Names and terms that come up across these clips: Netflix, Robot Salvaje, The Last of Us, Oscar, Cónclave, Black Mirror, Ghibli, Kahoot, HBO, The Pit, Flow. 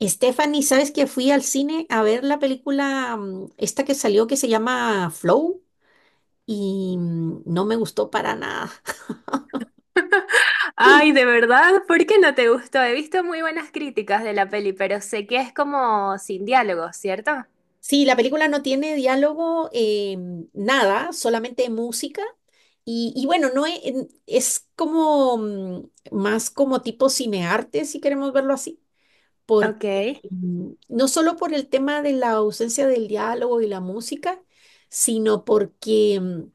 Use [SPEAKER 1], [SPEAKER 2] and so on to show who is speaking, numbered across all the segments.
[SPEAKER 1] Stephanie, ¿sabes que fui al cine a ver la película esta que salió que se llama Flow y no me gustó para nada?
[SPEAKER 2] Ay, ¿de verdad? ¿Por qué no te gustó? He visto muy buenas críticas de la peli, pero sé que es como sin diálogo, ¿cierto?
[SPEAKER 1] Sí, la película no tiene diálogo, nada, solamente música. Y bueno, no es, en- es como más como tipo cinearte, si queremos verlo así, porque
[SPEAKER 2] Ok.
[SPEAKER 1] no solo por el tema de la ausencia del diálogo y la música, sino porque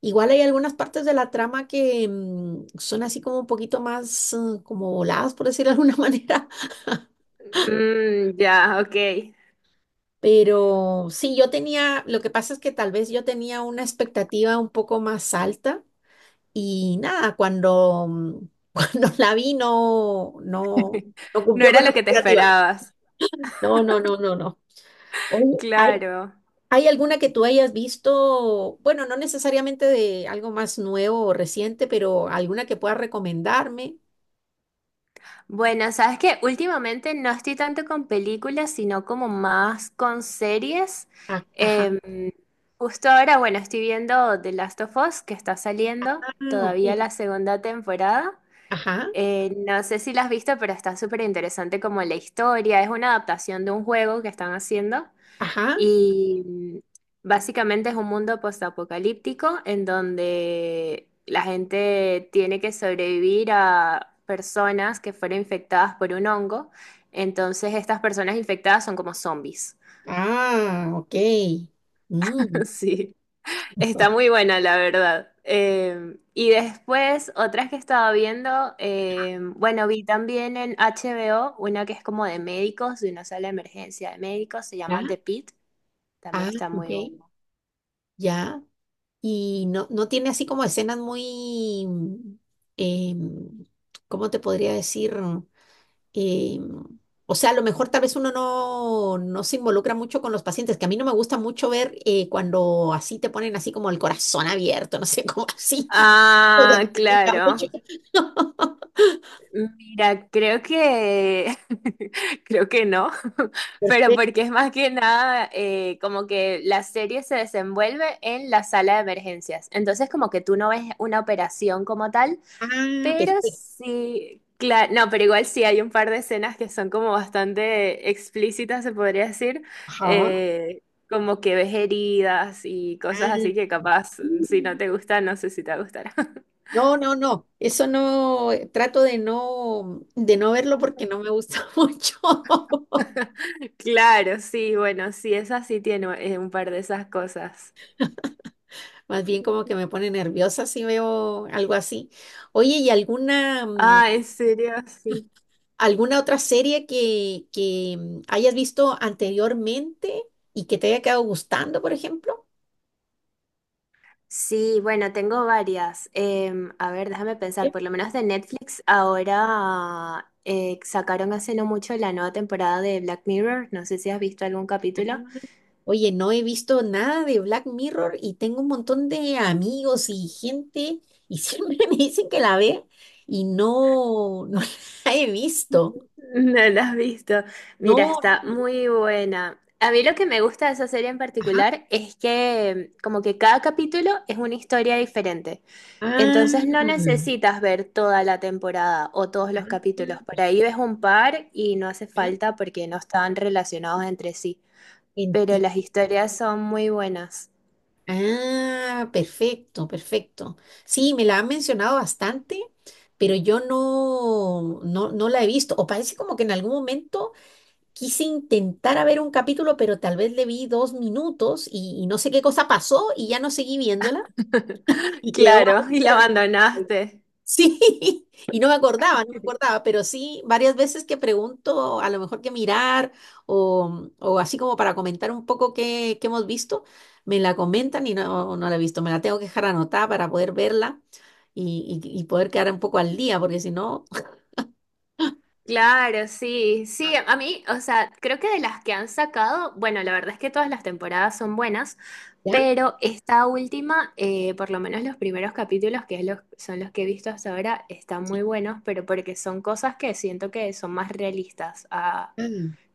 [SPEAKER 1] igual hay algunas partes de la trama que son así como un poquito más como voladas, por decirlo de alguna manera,
[SPEAKER 2] Mm, ya, ok.
[SPEAKER 1] pero sí, lo que pasa es que tal vez yo tenía una expectativa un poco más alta y nada, cuando la vi no
[SPEAKER 2] No
[SPEAKER 1] cumplió
[SPEAKER 2] era
[SPEAKER 1] con la
[SPEAKER 2] lo que te
[SPEAKER 1] expectativa.
[SPEAKER 2] esperabas.
[SPEAKER 1] No, no, no, no, no. Oye, ¿
[SPEAKER 2] Claro.
[SPEAKER 1] hay alguna que tú hayas visto, bueno, no necesariamente de algo más nuevo o reciente, pero alguna que puedas recomendarme?
[SPEAKER 2] Bueno, sabes que últimamente no estoy tanto con películas, sino como más con series.
[SPEAKER 1] Ah, ajá.
[SPEAKER 2] Em, Justo ahora, bueno, estoy viendo The Last of Us, que está saliendo
[SPEAKER 1] Ah, ok.
[SPEAKER 2] todavía la segunda temporada.
[SPEAKER 1] Ajá,
[SPEAKER 2] No sé si la has visto, pero está súper interesante como la historia. Es una adaptación de un juego que están haciendo
[SPEAKER 1] ajá.
[SPEAKER 2] y básicamente es un mundo postapocalíptico en donde la gente tiene que sobrevivir a personas que fueron infectadas por un hongo. Entonces estas personas infectadas son como zombies.
[SPEAKER 1] Ah, ok. Mm.
[SPEAKER 2] Sí. Está muy buena, la verdad. Y después, otras que estaba viendo, bueno, vi también en HBO una que es como de médicos, de una sala de emergencia de médicos, se
[SPEAKER 1] Ya.
[SPEAKER 2] llama The Pit,
[SPEAKER 1] Ah,
[SPEAKER 2] también está
[SPEAKER 1] ok.
[SPEAKER 2] muy buena.
[SPEAKER 1] Ya. Y no, no tiene así como escenas muy, em, ¿cómo te podría decir? Em, o sea, a lo mejor tal vez uno no se involucra mucho con los pacientes, que a mí no me gusta mucho ver cuando así te ponen así como el corazón abierto, no sé, como así. Porque
[SPEAKER 2] Ah,
[SPEAKER 1] me pica
[SPEAKER 2] claro.
[SPEAKER 1] mucho.
[SPEAKER 2] Mira, creo que creo que no, pero
[SPEAKER 1] Perfecto.
[SPEAKER 2] porque es más que nada como que la serie se desenvuelve en la sala de emergencias. Entonces como que tú no ves una operación como tal.
[SPEAKER 1] Ah,
[SPEAKER 2] Pero
[SPEAKER 1] perfecto.
[SPEAKER 2] sí, claro, no, pero igual sí hay un par de escenas que son como bastante explícitas, se podría decir, eh, como que ves heridas y cosas
[SPEAKER 1] Ah,
[SPEAKER 2] así que capaz, si no
[SPEAKER 1] mm.
[SPEAKER 2] te gusta, no sé si te gustará.
[SPEAKER 1] No, no, no, eso no, trato de no verlo porque no me gusta mucho.
[SPEAKER 2] Claro, sí, bueno, sí, esa sí tiene un par de esas cosas.
[SPEAKER 1] Más bien como que me pone nerviosa si veo algo así. Oye, ¿y
[SPEAKER 2] Ah, en serio, sí.
[SPEAKER 1] alguna otra serie que hayas visto anteriormente y que te haya quedado gustando, por ejemplo?
[SPEAKER 2] Sí, bueno, tengo varias. A ver, déjame pensar, por lo menos de Netflix ahora sacaron hace no mucho la nueva temporada de Black Mirror. No sé si has visto algún
[SPEAKER 1] Sí.
[SPEAKER 2] capítulo.
[SPEAKER 1] Oye, no he visto nada de Black Mirror y tengo un montón de amigos y gente y siempre me dicen que la ve y no la he visto.
[SPEAKER 2] No la has visto. Mira,
[SPEAKER 1] No,
[SPEAKER 2] está
[SPEAKER 1] no,
[SPEAKER 2] muy buena. A mí lo que me gusta de esa serie en
[SPEAKER 1] ajá.
[SPEAKER 2] particular es que como que cada capítulo es una historia diferente.
[SPEAKER 1] Ah,
[SPEAKER 2] Entonces no necesitas ver toda la temporada o todos
[SPEAKER 1] ah,
[SPEAKER 2] los capítulos. Por ahí
[SPEAKER 1] pues,
[SPEAKER 2] ves un par y no hace
[SPEAKER 1] ya,
[SPEAKER 2] falta porque no están relacionados entre sí, pero
[SPEAKER 1] enti-
[SPEAKER 2] las historias son muy buenas.
[SPEAKER 1] Ah, perfecto, perfecto. Sí, me la han mencionado bastante, pero yo no, no la he visto. O parece como que en algún momento quise intentar a ver un capítulo, pero tal vez le vi dos minutos y no sé qué cosa pasó y ya no seguí viéndola y quedó
[SPEAKER 2] Claro,
[SPEAKER 1] ahí,
[SPEAKER 2] y la
[SPEAKER 1] pero no.
[SPEAKER 2] abandonaste.
[SPEAKER 1] Sí, y no me acordaba, pero sí, varias veces que pregunto a lo mejor qué mirar o así como para comentar un poco qué hemos visto, me la comentan y no la he visto, me la tengo que dejar anotada para poder verla y poder quedar un poco al día, porque si no,
[SPEAKER 2] Claro, sí, sí, a mí, o sea, creo que de las que han sacado, bueno, la verdad es que todas las temporadas son buenas,
[SPEAKER 1] ¿ya?
[SPEAKER 2] pero esta última, por lo menos los primeros capítulos, que es los- son los que he visto hasta ahora, están
[SPEAKER 1] Sí.
[SPEAKER 2] muy buenos, pero porque son cosas que siento que son más realistas a
[SPEAKER 1] Ah,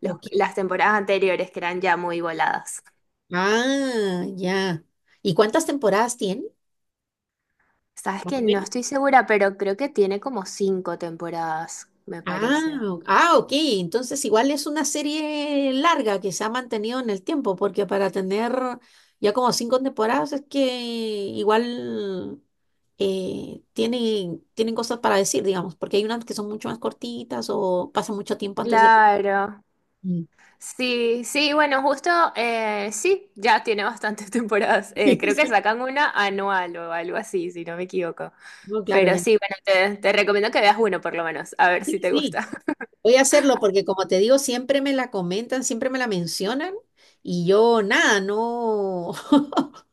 [SPEAKER 2] los-
[SPEAKER 1] ok.
[SPEAKER 2] las temporadas anteriores, que eran ya muy voladas.
[SPEAKER 1] Ah, ya. ¿Y cuántas temporadas tiene?
[SPEAKER 2] Sabes
[SPEAKER 1] Más
[SPEAKER 2] que
[SPEAKER 1] o
[SPEAKER 2] no
[SPEAKER 1] menos.
[SPEAKER 2] estoy segura, pero creo que tiene como cinco temporadas, me
[SPEAKER 1] Ah,
[SPEAKER 2] parece.
[SPEAKER 1] o- ah, ok. Entonces igual es una serie larga que se ha mantenido en el tiempo, porque para tener ya como cinco temporadas es que igual tienen cosas para decir, digamos, porque hay unas que son mucho más cortitas o pasan mucho tiempo antes de... que-
[SPEAKER 2] Claro.
[SPEAKER 1] Mm.
[SPEAKER 2] Sí, sí, bueno, justo, sí, ya tiene bastantes temporadas.
[SPEAKER 1] Sí,
[SPEAKER 2] Creo que
[SPEAKER 1] sí.
[SPEAKER 2] sacan una anual o algo así, si no me equivoco.
[SPEAKER 1] No, claro,
[SPEAKER 2] Pero
[SPEAKER 1] ya.
[SPEAKER 2] sí, bueno, te, recomiendo que veas uno por lo menos, a ver
[SPEAKER 1] Sí,
[SPEAKER 2] si te
[SPEAKER 1] sí.
[SPEAKER 2] gusta.
[SPEAKER 1] Voy a hacerlo porque, como te digo, siempre me la comentan, siempre me la mencionan y yo nada, no,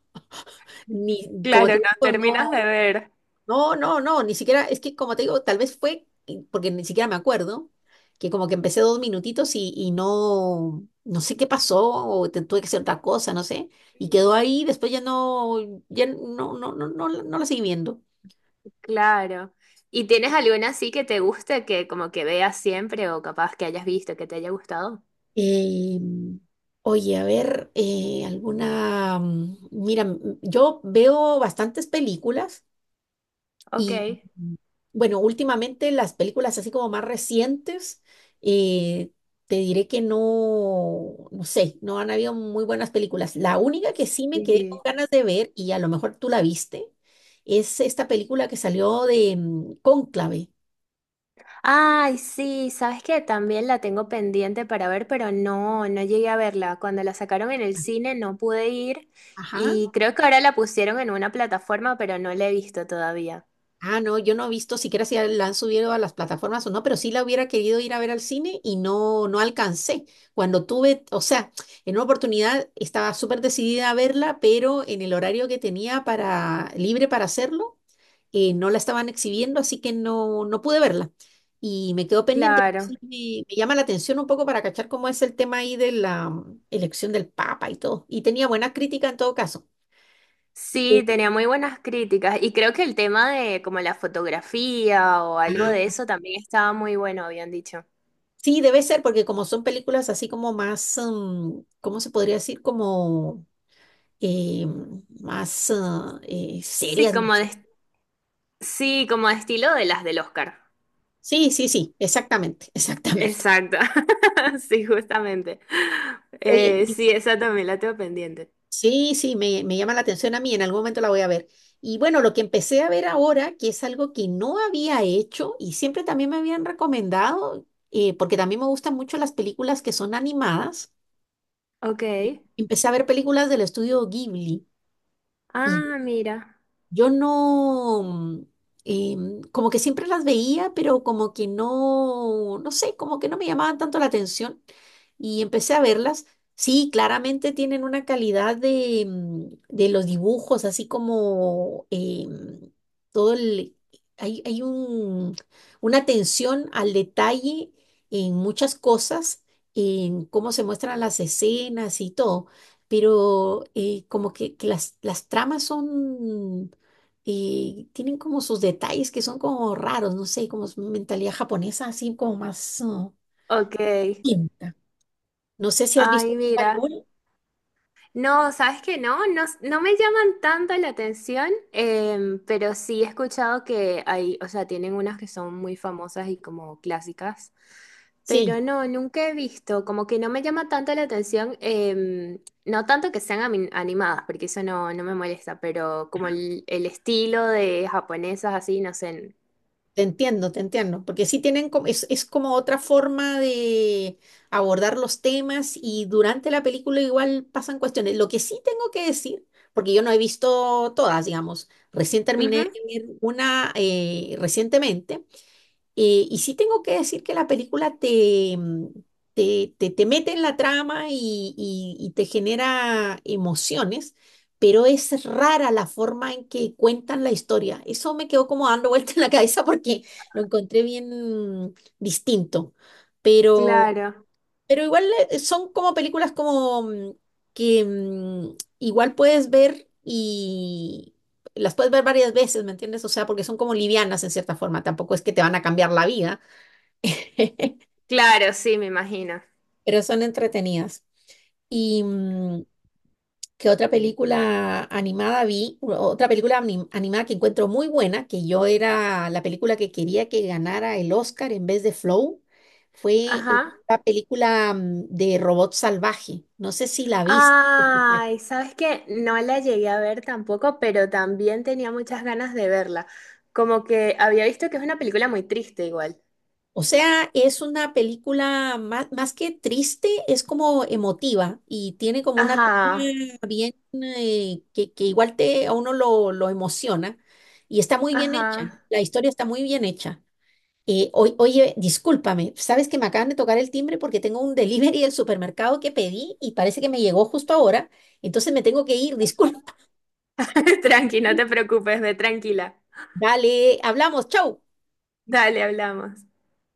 [SPEAKER 1] ni, como
[SPEAKER 2] Claro,
[SPEAKER 1] te
[SPEAKER 2] no
[SPEAKER 1] digo, no,
[SPEAKER 2] terminas de ver.
[SPEAKER 1] no, no, no, ni siquiera, es que como te digo, tal vez fue, y- porque ni siquiera me acuerdo, que como que empecé dos minutitos y no, no sé qué pasó o te- tuve que hacer otra cosa, no sé, y quedó ahí, después ya no, ya no, no, no, no, la- no la seguí viendo.
[SPEAKER 2] Claro. ¿Y tienes alguna así que te guste, que como que veas siempre o capaz que hayas visto, que te haya gustado?
[SPEAKER 1] Eh, Oye, a ver, alguna... mm, mira, mm, mm, yo veo bastantes películas y,
[SPEAKER 2] Ok.
[SPEAKER 1] mm, bueno, últimamente las películas así como más recientes, eh, te diré que no sé, no han habido muy buenas películas. La única que sí me quedé con
[SPEAKER 2] Sí.
[SPEAKER 1] ganas de ver, y a lo mejor tú la viste, es esta película que salió de Cónclave.
[SPEAKER 2] Ay, sí, sabes que también la tengo pendiente para ver, pero no, no llegué a verla. Cuando la sacaron en el cine no pude ir
[SPEAKER 1] Ajá.
[SPEAKER 2] y creo que ahora la pusieron en una plataforma, pero no la he visto todavía.
[SPEAKER 1] Ah, no, yo no he visto siquiera si la han subido a las plataformas o no, pero sí la hubiera querido ir a ver al cine y no alcancé. Cuando tuve, o sea, en una oportunidad estaba súper decidida a verla, pero en el horario que tenía para, libre para hacerlo, no la estaban exhibiendo, así que no pude verla. Y me quedó pendiente. Pero
[SPEAKER 2] Claro.
[SPEAKER 1] sí, me llama la atención un poco para cachar cómo es el tema ahí de la elección del Papa y todo. Y tenía buena crítica en todo caso. Sí.
[SPEAKER 2] Sí, tenía muy buenas críticas y creo que el tema de como la fotografía o algo de
[SPEAKER 1] Ah,
[SPEAKER 2] eso también estaba muy bueno, habían dicho.
[SPEAKER 1] sí, debe ser, porque como son películas así como más, mm, ¿cómo se podría decir? Como eh, más ah,
[SPEAKER 2] Sí,
[SPEAKER 1] serias, no
[SPEAKER 2] como de,
[SPEAKER 1] sé.
[SPEAKER 2] sí, como de estilo de las del Oscar.
[SPEAKER 1] Sí, sí, sí, exactamente, exactamente.
[SPEAKER 2] Exacto. Sí, justamente.
[SPEAKER 1] Oye, y-
[SPEAKER 2] Sí, esa también la tengo pendiente.
[SPEAKER 1] sí, sí, me llama la atención a mí, en algún momento la voy a ver. Y bueno, lo que empecé a ver ahora, que es algo que no había hecho y siempre también me habían recomendado, porque también me gustan mucho las películas que son animadas,
[SPEAKER 2] Ok.
[SPEAKER 1] empecé a ver películas del estudio Ghibli.
[SPEAKER 2] Ah, mira.
[SPEAKER 1] Yo no, como que siempre las veía, pero como que no, no sé, como que no me llamaban tanto la atención y empecé a verlas. Sí, claramente tienen una calidad de los dibujos, así como todo el... Hay una atención al detalle en muchas cosas, en cómo se muestran las escenas y todo, pero como que, que las tramas son y tienen como sus detalles que son como raros, no sé, como su mentalidad japonesa, así como más
[SPEAKER 2] Ok.
[SPEAKER 1] distinta. No sé si has
[SPEAKER 2] Ay,
[SPEAKER 1] visto
[SPEAKER 2] mira.
[SPEAKER 1] alguna.
[SPEAKER 2] No, ¿sabes qué? No, no, no me llaman tanto la atención, pero sí he escuchado que hay, o sea, tienen unas que son muy famosas y como clásicas.
[SPEAKER 1] Sí,
[SPEAKER 2] Pero no, nunca he visto, como que no me llama tanto la atención, no tanto que sean ami- animadas, porque eso no, no me molesta, pero como el, estilo de japonesas así, no sé.
[SPEAKER 1] te entiendo, porque sí tienen como, es como otra forma de abordar los temas y durante la película igual pasan cuestiones. Lo que sí tengo que decir, porque yo no he visto todas, digamos, recién terminé
[SPEAKER 2] Ujú.
[SPEAKER 1] de ver una recientemente. Y sí tengo que decir que la película te, mm, te- te mete en la trama y te genera emociones, pero es rara la forma en que cuentan la historia. Eso me quedó como dando vuelta en la cabeza porque lo encontré bien distinto. Pero
[SPEAKER 2] Claro,
[SPEAKER 1] pero igual son como películas como que igual puedes ver y las puedes ver varias veces, ¿me entiendes? O sea, porque son como livianas en cierta forma, tampoco es que te van a cambiar la vida,
[SPEAKER 2] claro, sí, me imagino.
[SPEAKER 1] pero son entretenidas. Y, mm, que otra película animada vi, u- otra película anim- animada que encuentro muy buena, que yo era la película que quería que ganara el Oscar en vez de Flow, fue
[SPEAKER 2] Ajá.
[SPEAKER 1] la película de Robot Salvaje. No sé si la viste.
[SPEAKER 2] Ay, sabes que no la llegué a ver tampoco, pero también tenía muchas ganas de verla. Como que había visto que es una película muy triste igual.
[SPEAKER 1] O sea, es una película más, más que triste, es como emotiva y tiene como una trama
[SPEAKER 2] Ajá,
[SPEAKER 1] bien que igual te, a uno lo emociona y está muy bien hecha.
[SPEAKER 2] ajá.
[SPEAKER 1] La historia está muy bien hecha. Oye, discúlpame, sabes que me acaban de tocar el timbre porque tengo un delivery del supermercado que pedí y parece que me llegó justo ahora, entonces me tengo que ir, disculpa.
[SPEAKER 2] Tranqui, no te preocupes, ve tranquila.
[SPEAKER 1] Dale, hablamos, chau.
[SPEAKER 2] Dale, hablamos.